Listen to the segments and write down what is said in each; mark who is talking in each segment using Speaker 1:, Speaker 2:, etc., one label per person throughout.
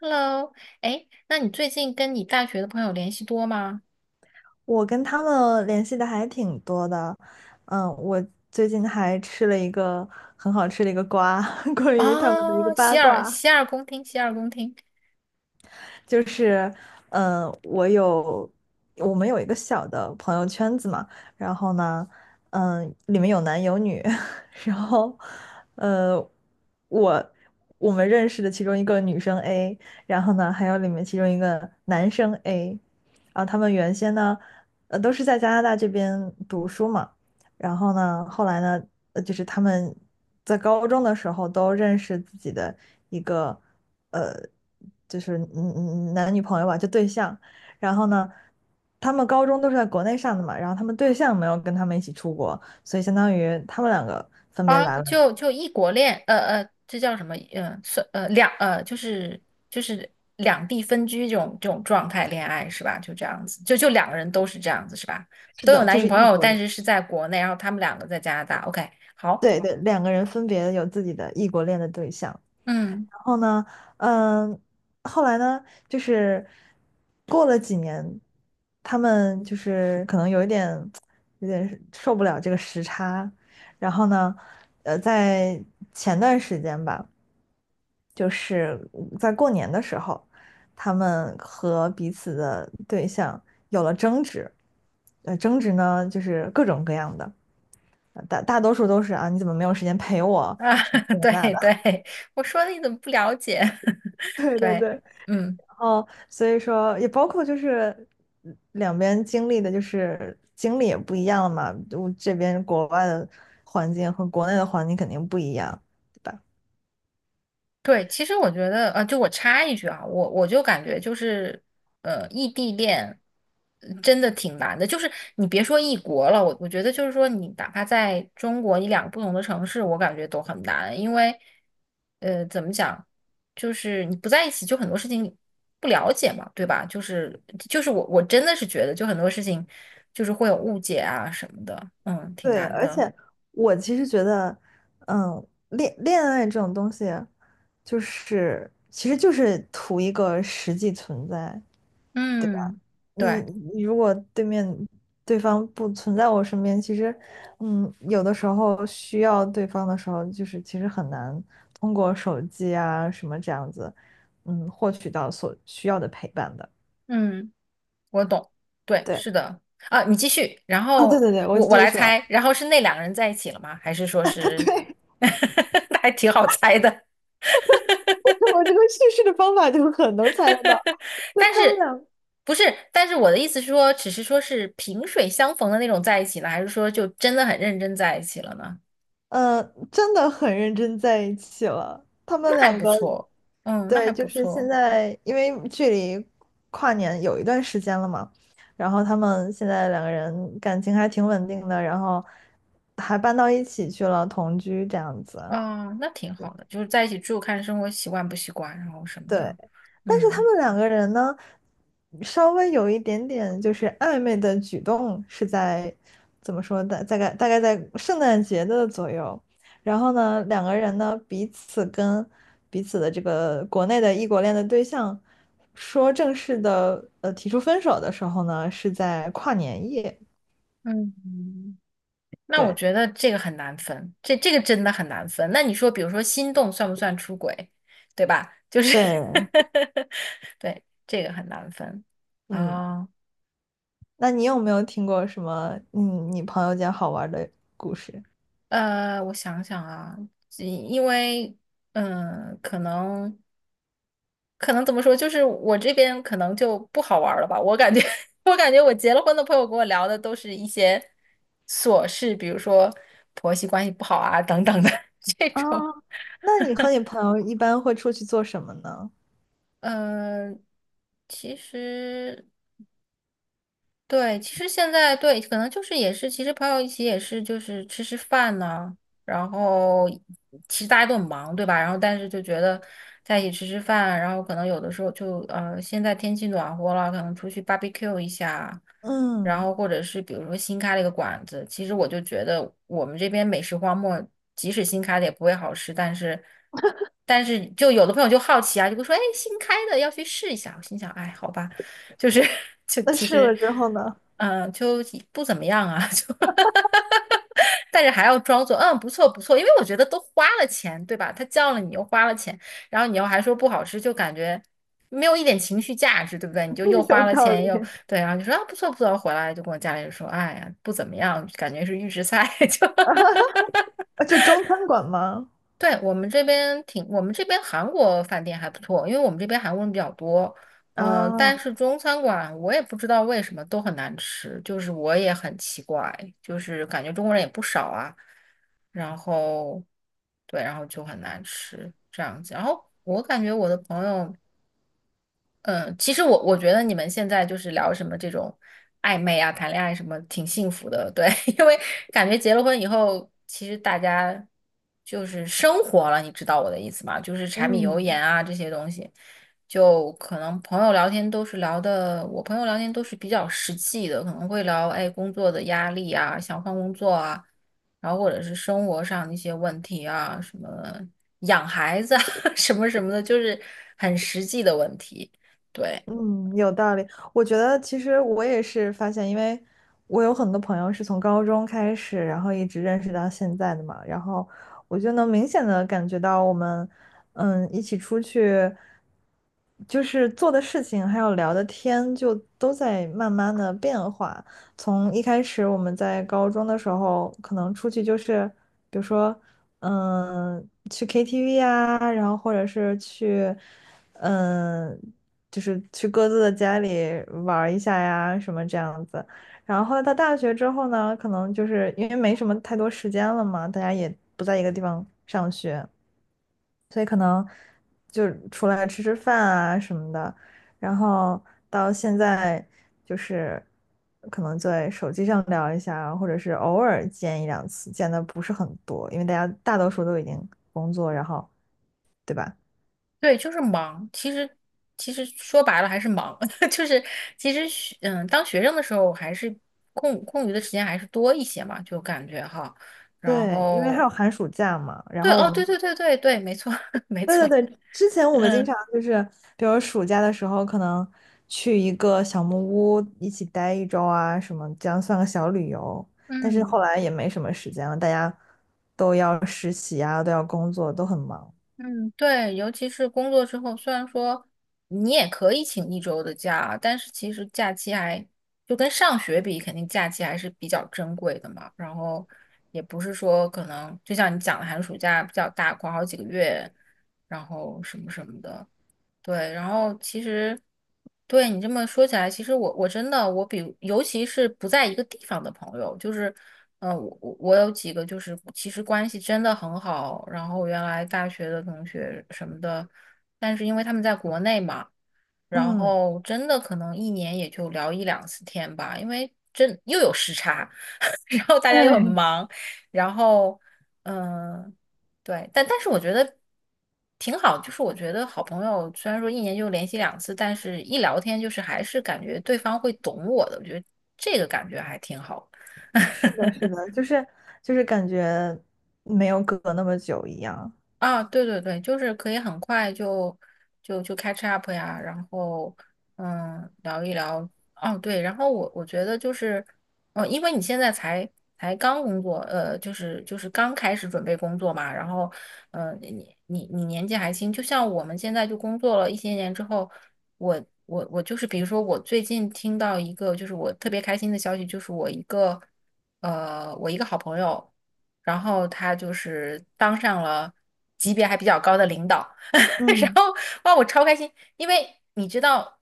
Speaker 1: Hello，哎，那你最近跟你大学的朋友联系多吗？
Speaker 2: 我跟他们联系的还挺多的。我最近还吃了一个很好吃的一个瓜，关于他们的一个
Speaker 1: 哦，洗
Speaker 2: 八
Speaker 1: 耳
Speaker 2: 卦。
Speaker 1: 洗耳恭听，洗耳恭听
Speaker 2: 就是，嗯，我有我们有一个小的朋友圈子嘛。然后呢，嗯，里面有男有女。然后，呃，我我们认识的其中一个女生 A，然后呢，还有里面其中一个男生 A。然后他们原先呢，都是在加拿大这边读书嘛。然后呢，后来呢，就是他们在高中的时候都认识自己的一个。呃，男女朋友吧，就对象。然后呢，他们高中都是在国内上的嘛，然后他们对象没有跟他们一起出国，所以相当于他们两个分别
Speaker 1: 啊，
Speaker 2: 来了。
Speaker 1: 就异国恋，这叫什么？就是两地分居这种状态恋爱是吧？就这样子，就两个人都是这样子是吧？
Speaker 2: 是
Speaker 1: 都有
Speaker 2: 的，就
Speaker 1: 男女
Speaker 2: 是
Speaker 1: 朋
Speaker 2: 异
Speaker 1: 友，
Speaker 2: 国
Speaker 1: 但
Speaker 2: 恋。
Speaker 1: 是是在国内，然后他们两个在加拿大。OK，好，
Speaker 2: 对对，两个人分别有自己的异国恋的对象。
Speaker 1: 嗯
Speaker 2: 然后呢，嗯，后来呢，就是过了几年，他们就是可能有一点有点受不了这个时差。然后呢，在前段时间吧，就是在过年的时候，他们和彼此的对象有了争执。争执呢就是各种各样的，大大多数都是啊，你怎么没有时间陪
Speaker 1: 啊，
Speaker 2: 我什么这 个那
Speaker 1: 对
Speaker 2: 的。
Speaker 1: 对，我说的你怎么不了解？
Speaker 2: 对对
Speaker 1: 对，
Speaker 2: 对。
Speaker 1: 嗯。
Speaker 2: 哦，所以说也包括就是两边经历的，就是经历也不一样嘛。我这边国外的环境和国内的环境肯定不一样，对吧？
Speaker 1: 对，其实我觉得，就我插一句啊，我就感觉就是，异地恋真的挺难的。就是你别说异国了，我觉得就是说，你哪怕在中国一两个不同的城市，我感觉都很难，因为，怎么讲，就是你不在一起，就很多事情你不了解嘛，对吧？就是我真的是觉得，就很多事情就是会有误解啊什么的，嗯，挺
Speaker 2: 对，
Speaker 1: 难
Speaker 2: 而
Speaker 1: 的，
Speaker 2: 且我其实觉得，恋爱这种东西，就是其实就是图一个实际存在。
Speaker 1: 嗯，
Speaker 2: 你
Speaker 1: 对，
Speaker 2: 你如果对方不存在我身边，其实，嗯，有的时候需要对方的时候，就是其实很难通过手机啊什么这样子，嗯，获取到所需要的陪伴的。
Speaker 1: 嗯。我懂，对，
Speaker 2: 对，
Speaker 1: 是的啊，你继续，然
Speaker 2: 啊，对
Speaker 1: 后
Speaker 2: 对对，我
Speaker 1: 我
Speaker 2: 继续
Speaker 1: 来
Speaker 2: 说。
Speaker 1: 猜，然后是那两个人在一起了吗？还是说 是，
Speaker 2: 对。
Speaker 1: 那还挺好猜的，
Speaker 2: 我这个叙事的方法就很能猜得到，就
Speaker 1: 但
Speaker 2: 他们
Speaker 1: 是
Speaker 2: 俩。
Speaker 1: 不是？但是我的意思是说，只是说是萍水相逢的那种在一起了，还是说就真的很认真在一起了呢？
Speaker 2: 嗯，真的很认真在一起了。他们
Speaker 1: 那还
Speaker 2: 两
Speaker 1: 不
Speaker 2: 个，
Speaker 1: 错，嗯，那
Speaker 2: 对，
Speaker 1: 还
Speaker 2: 就
Speaker 1: 不
Speaker 2: 是现
Speaker 1: 错，
Speaker 2: 在，因为距离跨年有一段时间了嘛，然后他们现在两个人感情还挺稳定的，然后还搬到一起去了，同居这样子。
Speaker 1: 啊，那挺好的，就是在一起住，看生活习惯不习惯，然后什么
Speaker 2: 对，
Speaker 1: 的，
Speaker 2: 但是他
Speaker 1: 嗯
Speaker 2: 们两个人呢，稍微有一点点就是暧昧的举动是在怎么说的？大概在圣诞节的左右。然后呢，两个人呢彼此跟彼此的这个国内的异国恋的对象说正式的提出分手的时候呢，是在跨年夜。
Speaker 1: 嗯。那我
Speaker 2: 对
Speaker 1: 觉得这个很难分，这个真的很难分。那你说，比如说心动算不算出轨，对吧？就是
Speaker 2: 对。
Speaker 1: 对，这个很难分
Speaker 2: 嗯，
Speaker 1: 啊。
Speaker 2: 那你有没有听过什么你朋友间好玩的故事？
Speaker 1: 我想想啊，因为嗯、呃可能可能怎么说，就是我这边可能就不好玩儿了吧。我感觉 我感觉我结了婚的朋友跟我聊的都是一些琐事，比如说婆媳关系不好啊等等的 这
Speaker 2: 啊，
Speaker 1: 种。
Speaker 2: 那你和你朋友一般会出去做什么呢？
Speaker 1: 嗯，其实对，其实现在对，可能就是也是，其实朋友一起也是，就是吃吃饭呢、然后其实大家都很忙，对吧？然后但是就觉得在一起吃吃饭，然后可能有的时候就现在天气暖和了，可能出去 barbecue 一下，然
Speaker 2: 嗯，
Speaker 1: 后或者是比如说新开了一个馆子，其实我就觉得我们这边美食荒漠，即使新开的也不会好吃，但是就有的朋友就好奇啊，就会说，哎，新开的要去试一下。我心想，哎，好吧。就是 就
Speaker 2: 那
Speaker 1: 其
Speaker 2: 试
Speaker 1: 实，
Speaker 2: 了之后呢？
Speaker 1: 嗯、就不怎么样啊，就但是还要装作不错不错，因为我觉得都花了钱，对吧？他叫了你又花了钱，然后你又还说不好吃，就感觉没有一点情绪价值，对不对？你就又
Speaker 2: 有
Speaker 1: 花了
Speaker 2: 道
Speaker 1: 钱又
Speaker 2: 理。
Speaker 1: 对，然后就说啊不错不错，回来就跟我家里人说，哎呀不怎么样，感觉是预制菜，就
Speaker 2: 啊，就中餐馆吗？
Speaker 1: 对，我们这边韩国饭店还不错，因为我们这边韩国人比较多。嗯，但
Speaker 2: 啊。
Speaker 1: 是中餐馆我也不知道为什么都很难吃，就是我也很奇怪，就是感觉中国人也不少啊，然后对，然后就很难吃这样子。然后我感觉我的朋友。嗯，其实我觉得你们现在就是聊什么这种暧昧啊、谈恋爱什么，挺幸福的，对，因为感觉结了婚以后，其实大家就是生活了，你知道我的意思吗？就是柴米油盐
Speaker 2: 嗯。
Speaker 1: 啊这些东西，就可能朋友聊天都是聊的，我朋友聊天都是比较实际的，可能会聊哎工作的压力啊，想换工作啊，然后或者是生活上的一些问题啊，什么养孩子啊，什么什么的，就是很实际的问题。对
Speaker 2: 嗯，有道理。我觉得其实我也是发现，因为我有很多朋友是从高中开始，然后一直认识到现在的嘛，然后我就能明显的感觉到我们，嗯，一起出去，就是做的事情，还有聊的天，就都在慢慢的变化。从一开始我们在高中的时候，可能出去就是，比如说，嗯，去 KTV 啊，然后或者是去，嗯就是去各自的家里玩儿一下呀，什么这样子。然后后来到大学之后呢，可能就是因为没什么太多时间了嘛，大家也不在一个地方上学，所以可能就出来吃吃饭啊什么的。然后到现在就是可能在手机上聊一下，或者是偶尔见一两次，见的不是很多，因为大家大多数都已经工作，然后对吧？
Speaker 1: 对，就是忙。其实说白了还是忙，就是其实当学生的时候还是空余的时间还是多一些嘛，就感觉哈。然
Speaker 2: 对，因为还
Speaker 1: 后
Speaker 2: 有寒暑假嘛，然
Speaker 1: 对
Speaker 2: 后
Speaker 1: 哦，
Speaker 2: 我
Speaker 1: 对
Speaker 2: 们
Speaker 1: 对对对对，没错 没
Speaker 2: 对对
Speaker 1: 错，
Speaker 2: 对，之前我们经
Speaker 1: 嗯
Speaker 2: 常就是，比如暑假的时候，可能去一个小木屋一起待一周啊，什么这样算个小旅游。但是后
Speaker 1: 嗯。
Speaker 2: 来也没什么时间了，大家都要实习啊，都要工作，都很忙。
Speaker 1: 嗯，对，尤其是工作之后，虽然说你也可以请一周的假，但是其实假期还就跟上学比，肯定假期还是比较珍贵的嘛。然后也不是说可能就像你讲的寒暑假比较大，管好几个月，然后什么什么的。对，然后其实对你这么说起来，其实我真的我比尤其是不在一个地方的朋友，就是我有几个就是其实关系真的很好，然后原来大学的同学什么的，但是因为他们在国内嘛，然
Speaker 2: 嗯，
Speaker 1: 后真的可能一年也就聊一两次天吧，因为真又有时差，然后大家又很
Speaker 2: 对，
Speaker 1: 忙，然后。嗯，对，但是我觉得挺好，就是我觉得好朋友虽然说一年就联系两次，但是一聊天就是还是感觉对方会懂我的，我觉得这个感觉还挺好的
Speaker 2: 是的，是的，就是就是感觉没有隔那么久一样。
Speaker 1: 啊，对对对，就是可以很快就 catch up 呀，然后聊一聊。哦，对，然后我觉得就是，因为你现在才刚工作，就是刚开始准备工作嘛，然后你年纪还轻，就像我们现在就工作了一些年之后，我我就是比如说我最近听到一个就是我特别开心的消息，就是我一个好朋友。然后他就是当上了级别还比较高的领导，然
Speaker 2: 嗯。
Speaker 1: 后哇，我超开心，因为你知道，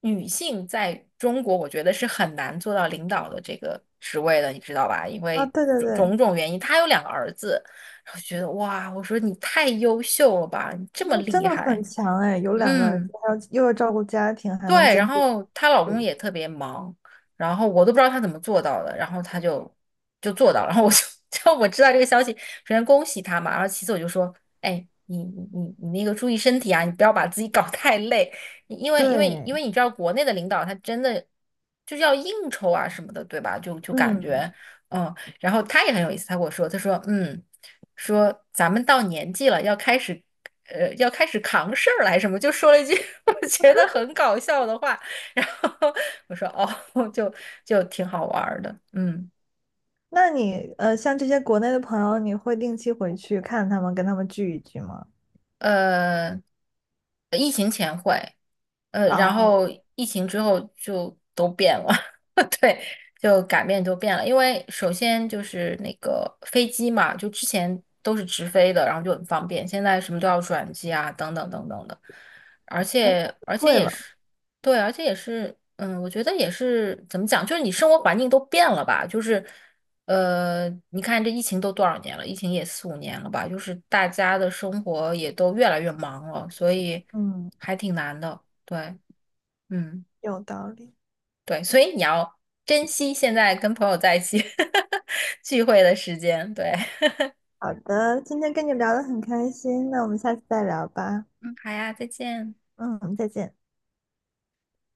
Speaker 1: 女性在中国我觉得是很难做到领导的这个职位的，你知道吧？因
Speaker 2: 啊，
Speaker 1: 为
Speaker 2: 对对
Speaker 1: 种
Speaker 2: 对，
Speaker 1: 种种原因，他有两个儿子，然后觉得哇，我说你太优秀了吧，你这么
Speaker 2: 那真
Speaker 1: 厉
Speaker 2: 的
Speaker 1: 害，
Speaker 2: 很强哎，有两个儿
Speaker 1: 嗯。
Speaker 2: 还要又要照顾家庭，还能
Speaker 1: 对，
Speaker 2: 兼
Speaker 1: 然
Speaker 2: 顾
Speaker 1: 后她老
Speaker 2: 事
Speaker 1: 公
Speaker 2: 业。
Speaker 1: 也特别忙，然后我都不知道她怎么做到的，然后她就做到了，然后我就 就我知道这个消息，首先恭喜她嘛，然后其次我就说，哎，你那个注意身体啊，你不要把自己搞 太累，你因为因为
Speaker 2: 对，
Speaker 1: 因为你知道国内的领导他真的就是要应酬啊什么的，对吧？就感
Speaker 2: 嗯。
Speaker 1: 觉嗯，然后他也很有意思，他跟我说，他说嗯，说咱们到年纪了，要开始。要开始扛事儿来什么，就说了一句 我觉得很搞笑的话，然后我说哦，就就挺好玩儿的，嗯，
Speaker 2: 那你像这些国内的朋友，你会定期回去看他们，跟他们聚一聚吗？
Speaker 1: 呃，一。呃，然
Speaker 2: 哦，
Speaker 1: 后疫情之后就都变了，对，就改变都变了。因为首先就是那个飞机嘛，就之前都是直飞的，然后就很方便，现在什么都要转机啊，等等等等的。而且
Speaker 2: 会
Speaker 1: 也
Speaker 2: 了。
Speaker 1: 是，对，而且也是，我觉得也是怎么讲，就是你生活环境都变了吧，就是。你看这疫情都多少年了？疫情也四五年了吧？就是大家的生活也都越来越忙了，所以
Speaker 2: 嗯，
Speaker 1: 还挺难的。对，嗯，
Speaker 2: 有道理。
Speaker 1: 对，所以你要珍惜现在跟朋友在一起 聚会的时间。对，
Speaker 2: 好的，今天跟你聊得很开心，那我们下次再聊吧。
Speaker 1: 嗯，好呀，再见。
Speaker 2: 嗯，再见。